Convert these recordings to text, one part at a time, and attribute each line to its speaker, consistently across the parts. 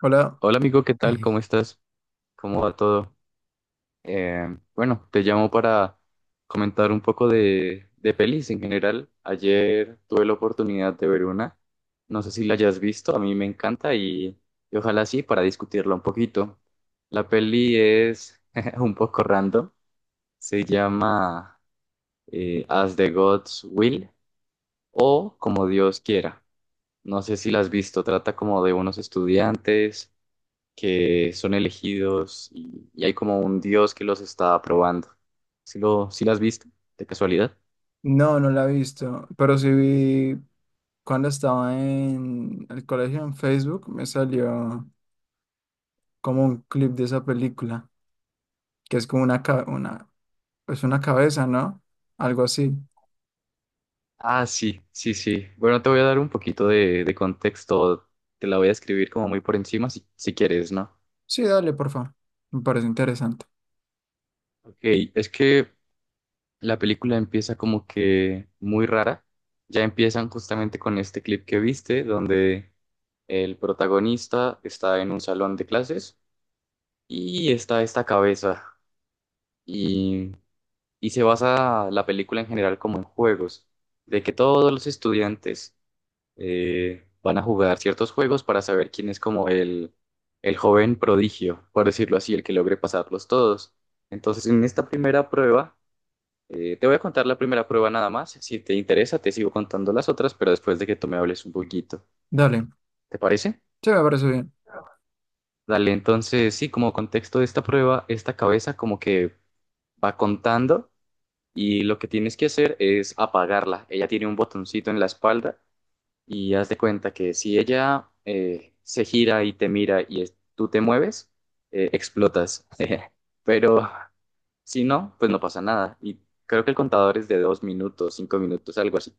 Speaker 1: Hola.
Speaker 2: Hola amigo, ¿qué tal? ¿Cómo estás? ¿Cómo va todo? Eh, bueno, te llamo para comentar un poco de pelis en general. Ayer tuve la oportunidad de ver una, no sé si la hayas visto, a mí me encanta y ojalá sí para discutirla un poquito. La peli es un poco random, se llama As the Gods Will o Como Dios Quiera. No sé si la has visto, trata como de unos estudiantes que son elegidos y hay como un dios que los está probando. ¿Sí las has visto? ¿De casualidad?
Speaker 1: No, no la he visto, pero sí vi cuando estaba en el colegio en Facebook, me salió como un clip de esa película, que es como una, pues una cabeza, ¿no? Algo así.
Speaker 2: Ah, sí, sí, sí. Bueno, te voy a dar un poquito de contexto. Te la voy a escribir como muy por encima si quieres, ¿no?
Speaker 1: Sí, dale, por favor. Me parece interesante.
Speaker 2: Ok, es que la película empieza como que muy rara. Ya empiezan justamente con este clip que viste, donde el protagonista está en un salón de clases y está esta cabeza. Y y se basa la película en general como en juegos, de que todos los estudiantes van a jugar ciertos juegos para saber quién es como el joven prodigio, por decirlo así, el que logre pasarlos todos. Entonces, en esta primera prueba, te voy a contar la primera prueba nada más. Si te interesa, te sigo contando las otras, pero después de que tú me hables un poquito.
Speaker 1: Dale.
Speaker 2: ¿Te parece?
Speaker 1: Sí, me parece bien.
Speaker 2: Dale, entonces, sí, como contexto de esta prueba, esta cabeza como que va contando y lo que tienes que hacer es apagarla. Ella tiene un botoncito en la espalda y haz de cuenta que si ella se gira y te mira y tú te mueves, explotas. Pero si no, pues no pasa nada. Y creo que el contador es de dos minutos, cinco minutos, algo así.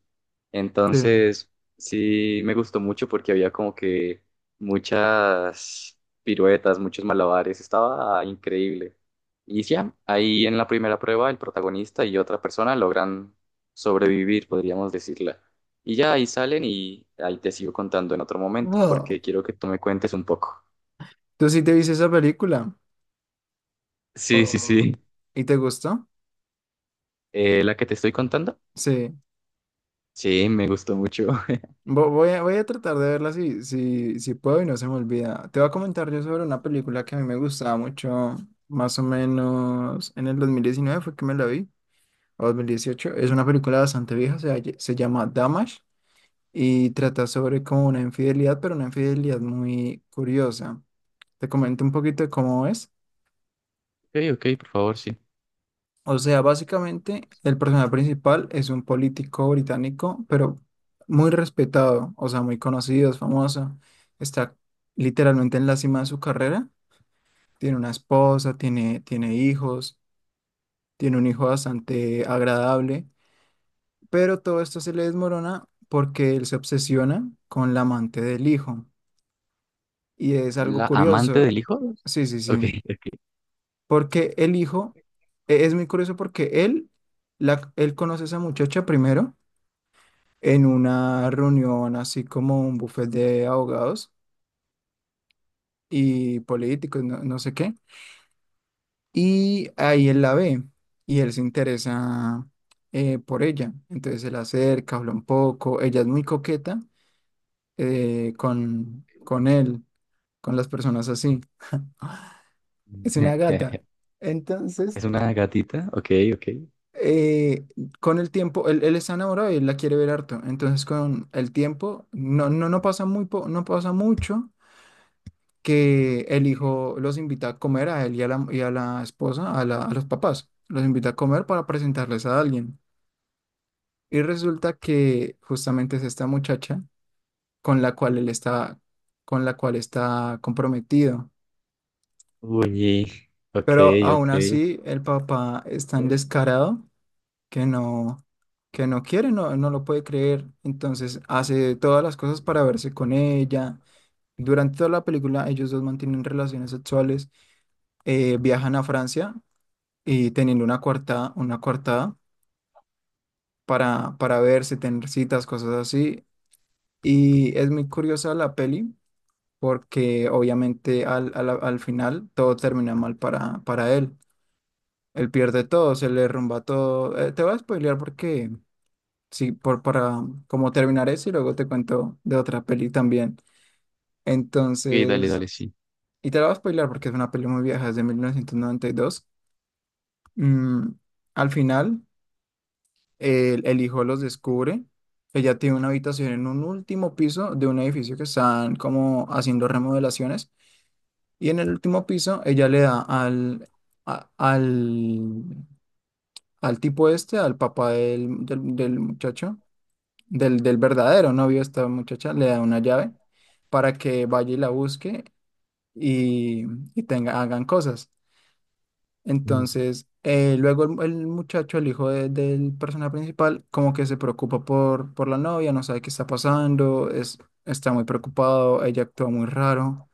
Speaker 1: Sí.
Speaker 2: Entonces, sí me gustó mucho porque había como que muchas piruetas, muchos malabares, estaba increíble. Y ya, ahí en la primera prueba el protagonista y otra persona logran sobrevivir, podríamos decirla. Y ya ahí salen y ahí te sigo contando en otro momento
Speaker 1: Wow.
Speaker 2: porque quiero que tú me cuentes un poco.
Speaker 1: ¿Tú sí te viste esa película?
Speaker 2: Sí, sí,
Speaker 1: Oh,
Speaker 2: sí.
Speaker 1: ¿y te gustó?
Speaker 2: ¿La que te estoy contando?
Speaker 1: Sí.
Speaker 2: Sí, me gustó mucho.
Speaker 1: Voy a tratar de verla si puedo y no se me olvida. Te voy a comentar yo sobre una película que a mí me gustaba mucho, más o menos en el 2019 fue que me la vi, o 2018. Es una película bastante vieja, se llama Damage y trata sobre como una infidelidad, pero una infidelidad muy curiosa. Te comento un poquito de cómo es.
Speaker 2: Ok, ok, por favor, sí.
Speaker 1: O sea, básicamente el personaje principal es un político británico, pero muy respetado, o sea, muy conocido, es famoso. Está literalmente en la cima de su carrera. Tiene una esposa, tiene hijos, tiene un hijo bastante agradable, pero todo esto se le desmorona porque él se obsesiona con la amante del hijo. Y es algo
Speaker 2: ¿La amante
Speaker 1: curioso.
Speaker 2: del hijo?
Speaker 1: Sí, sí,
Speaker 2: Ok,
Speaker 1: sí.
Speaker 2: ok.
Speaker 1: Porque el hijo, es muy curioso porque él conoce a esa muchacha primero en una reunión así como un buffet de abogados y políticos, no, no sé qué. Y ahí él la ve y él se interesa por ella. Entonces se la acerca, habla un poco. Ella es muy coqueta, con él, con las personas así. Ah, es una gata. Entonces,
Speaker 2: ¿Es una gatita? Ok, ok.
Speaker 1: eh, con el tiempo, él está enamorado y él la quiere ver harto. Entonces, con el tiempo, no pasa mucho que el hijo los invita a comer a él y a la esposa, a los papás. Los invita a comer para presentarles a alguien. Y resulta que justamente es esta muchacha con la cual él está, con la cual está comprometido.
Speaker 2: Uy, ok,
Speaker 1: Pero aún
Speaker 2: ok.
Speaker 1: así, el papá es tan descarado que no quiere, no lo puede creer. Entonces hace todas las cosas para verse con ella. Durante toda la película, ellos dos mantienen relaciones sexuales, viajan a Francia y teniendo una coartada para verse, tener citas, cosas así. Y es muy curiosa la peli porque obviamente al final todo termina mal para él. Él pierde todo, se le derrumba todo. Te voy a spoilear porque sí, para como terminar eso y luego te cuento de otra peli también.
Speaker 2: Ok, dale,
Speaker 1: Entonces,
Speaker 2: dale, sí.
Speaker 1: y te la voy a spoilear porque es una peli muy vieja, es de 1992. Mm, al final, el hijo los descubre. Ella tiene una habitación en un último piso de un edificio que están como haciendo remodelaciones. Y en el último piso, ella le da a- al, al tipo este, al papá del muchacho, del verdadero novio de esta muchacha, le da una llave para que vaya y la busque y, y, hagan cosas.
Speaker 2: Mm.
Speaker 1: Entonces, luego el muchacho, el hijo del personaje principal, como que se preocupa por la novia, no sabe qué está pasando, está muy preocupado, ella actúa muy raro.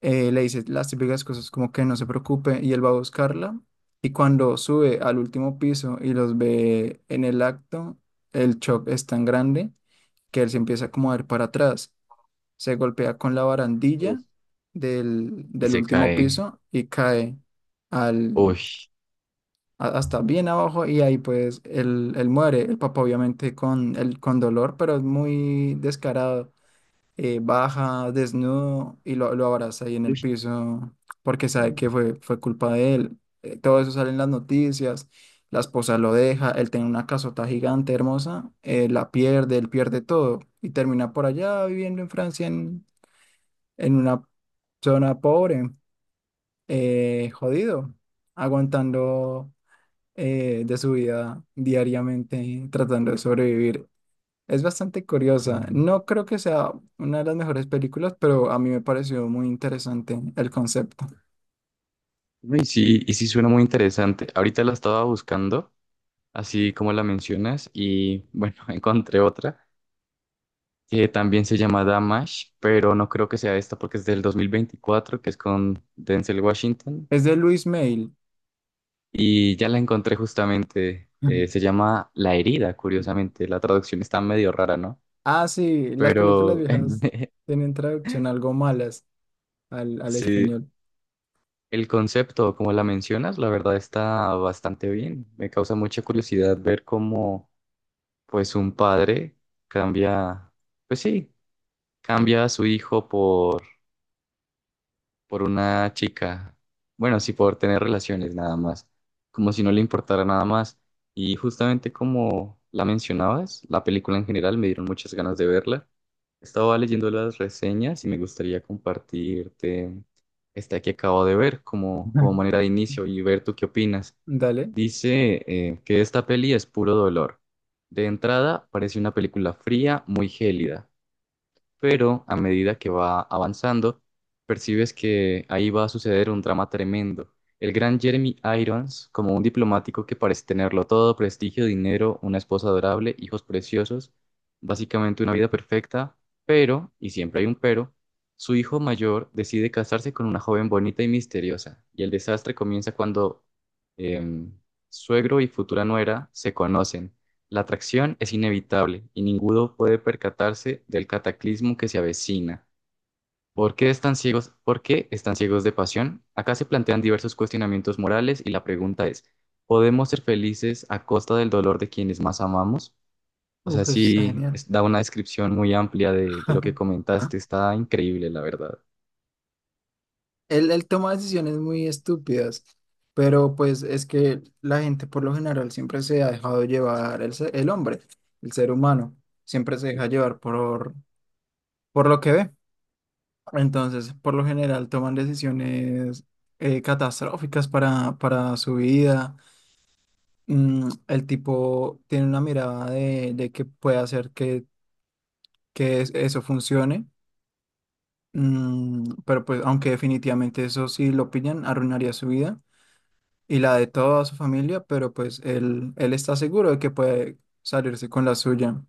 Speaker 1: Le dice las típicas cosas como que no se preocupe, y él va a buscarla, y cuando sube al último piso y los ve en el acto, el shock es tan grande que él se empieza como a ir para atrás, se golpea con la
Speaker 2: Uf.
Speaker 1: barandilla del,
Speaker 2: Y
Speaker 1: del
Speaker 2: se
Speaker 1: último
Speaker 2: cae.
Speaker 1: piso y cae
Speaker 2: Uy.
Speaker 1: hasta bien abajo, y ahí pues él muere. El papá obviamente con dolor, pero es muy descarado, baja desnudo y lo abraza ahí en el
Speaker 2: Uy.
Speaker 1: piso porque sabe que fue culpa de él. Todo eso sale en las noticias, la esposa lo deja, él tiene una casota gigante, hermosa, la pierde, él pierde todo y termina por allá viviendo en Francia, en una zona pobre, jodido, aguantando, de su vida diariamente tratando de sobrevivir. Es bastante curiosa.
Speaker 2: Ah,
Speaker 1: No creo que sea una de las mejores películas, pero a mí me pareció muy interesante el concepto.
Speaker 2: no. Y sí suena muy interesante. Ahorita la estaba buscando, así como la mencionas, y bueno, encontré otra que también se llama Damash, pero no creo que sea esta porque es del 2024, que es con Denzel Washington.
Speaker 1: Es de Luis Mail.
Speaker 2: Y ya la encontré justamente.
Speaker 1: Ujú.
Speaker 2: Se llama La herida, curiosamente. La traducción está medio rara, ¿no?
Speaker 1: Ah, sí, las películas
Speaker 2: Pero
Speaker 1: viejas tienen traducción algo malas al
Speaker 2: sí,
Speaker 1: español.
Speaker 2: el concepto, como la mencionas, la verdad está bastante bien. Me causa mucha curiosidad ver cómo, pues, un padre cambia, pues sí, cambia a su hijo por una chica. Bueno, sí, por tener relaciones nada más, como si no le importara nada más. Y justamente como la mencionabas, la película en general me dieron muchas ganas de verla. Estaba leyendo las reseñas y me gustaría compartirte esta que acabo de ver como, como manera de inicio y ver tú qué opinas.
Speaker 1: Dale.
Speaker 2: Dice que esta peli es puro dolor. De entrada, parece una película fría, muy gélida, pero a medida que va avanzando, percibes que ahí va a suceder un drama tremendo. El gran Jeremy Irons, como un diplomático que parece tenerlo todo, prestigio, dinero, una esposa adorable, hijos preciosos, básicamente una vida perfecta, pero, y siempre hay un pero, su hijo mayor decide casarse con una joven bonita y misteriosa, y el desastre comienza cuando em, suegro y futura nuera se conocen. La atracción es inevitable y ninguno puede percatarse del cataclismo que se avecina. ¿Por qué están ciegos? ¿Por qué están ciegos de pasión? Acá se plantean diversos cuestionamientos morales y la pregunta es, ¿podemos ser felices a costa del dolor de quienes más amamos? O sea,
Speaker 1: Uf, eso está
Speaker 2: sí,
Speaker 1: genial.
Speaker 2: es- da una descripción muy amplia de lo que comentaste. Está increíble, la verdad.
Speaker 1: Él toma decisiones muy estúpidas, pero pues es que la gente por lo general siempre se ha dejado llevar, el hombre, el ser humano, siempre se deja llevar por lo que ve. Entonces, por lo general toman decisiones, catastróficas para su vida. El tipo tiene una mirada de que puede hacer que eso funcione. Pero pues aunque definitivamente eso sí lo pillan, arruinaría su vida y la de toda su familia, pero pues él está seguro de que puede salirse con la suya.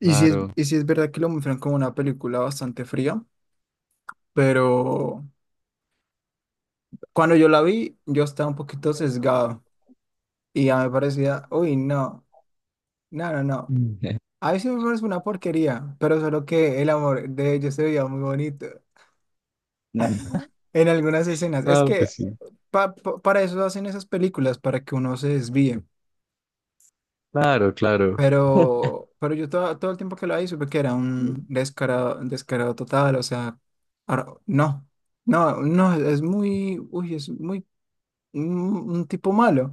Speaker 1: Y sí es,
Speaker 2: Claro.
Speaker 1: y sí es verdad que lo muestran como una película bastante fría, pero cuando yo la vi, yo estaba un poquito sesgado y ya me parecía, uy, no, no, no, no.
Speaker 2: Mm.
Speaker 1: A mí sí me parece una porquería, pero solo que el amor de ellos se veía muy bonito en algunas escenas. Es
Speaker 2: No, pues
Speaker 1: que
Speaker 2: sí.
Speaker 1: para eso hacen esas películas, para que uno se desvíe.
Speaker 2: Claro, claro.
Speaker 1: Pero yo todo el tiempo que lo ahí supe que era un descarado, descarado total, o sea, no, no, no, es muy, uy, es muy, un tipo malo,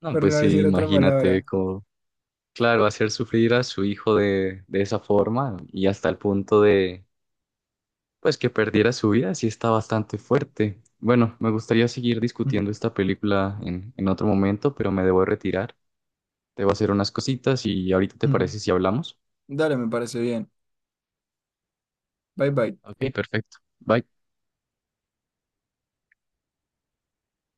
Speaker 2: No,
Speaker 1: por
Speaker 2: pues
Speaker 1: no
Speaker 2: sí,
Speaker 1: decir otra
Speaker 2: imagínate
Speaker 1: palabra.
Speaker 2: cómo. Claro, hacer sufrir a su hijo de esa forma y hasta el punto de, pues, que perdiera su vida, sí está bastante fuerte. Bueno, me gustaría seguir discutiendo esta película en otro momento, pero me debo retirar. Debo hacer unas cositas y ahorita te
Speaker 1: Ujú.
Speaker 2: parece si hablamos.
Speaker 1: Dale, me parece bien. Bye bye.
Speaker 2: Ok, perfecto. Bye.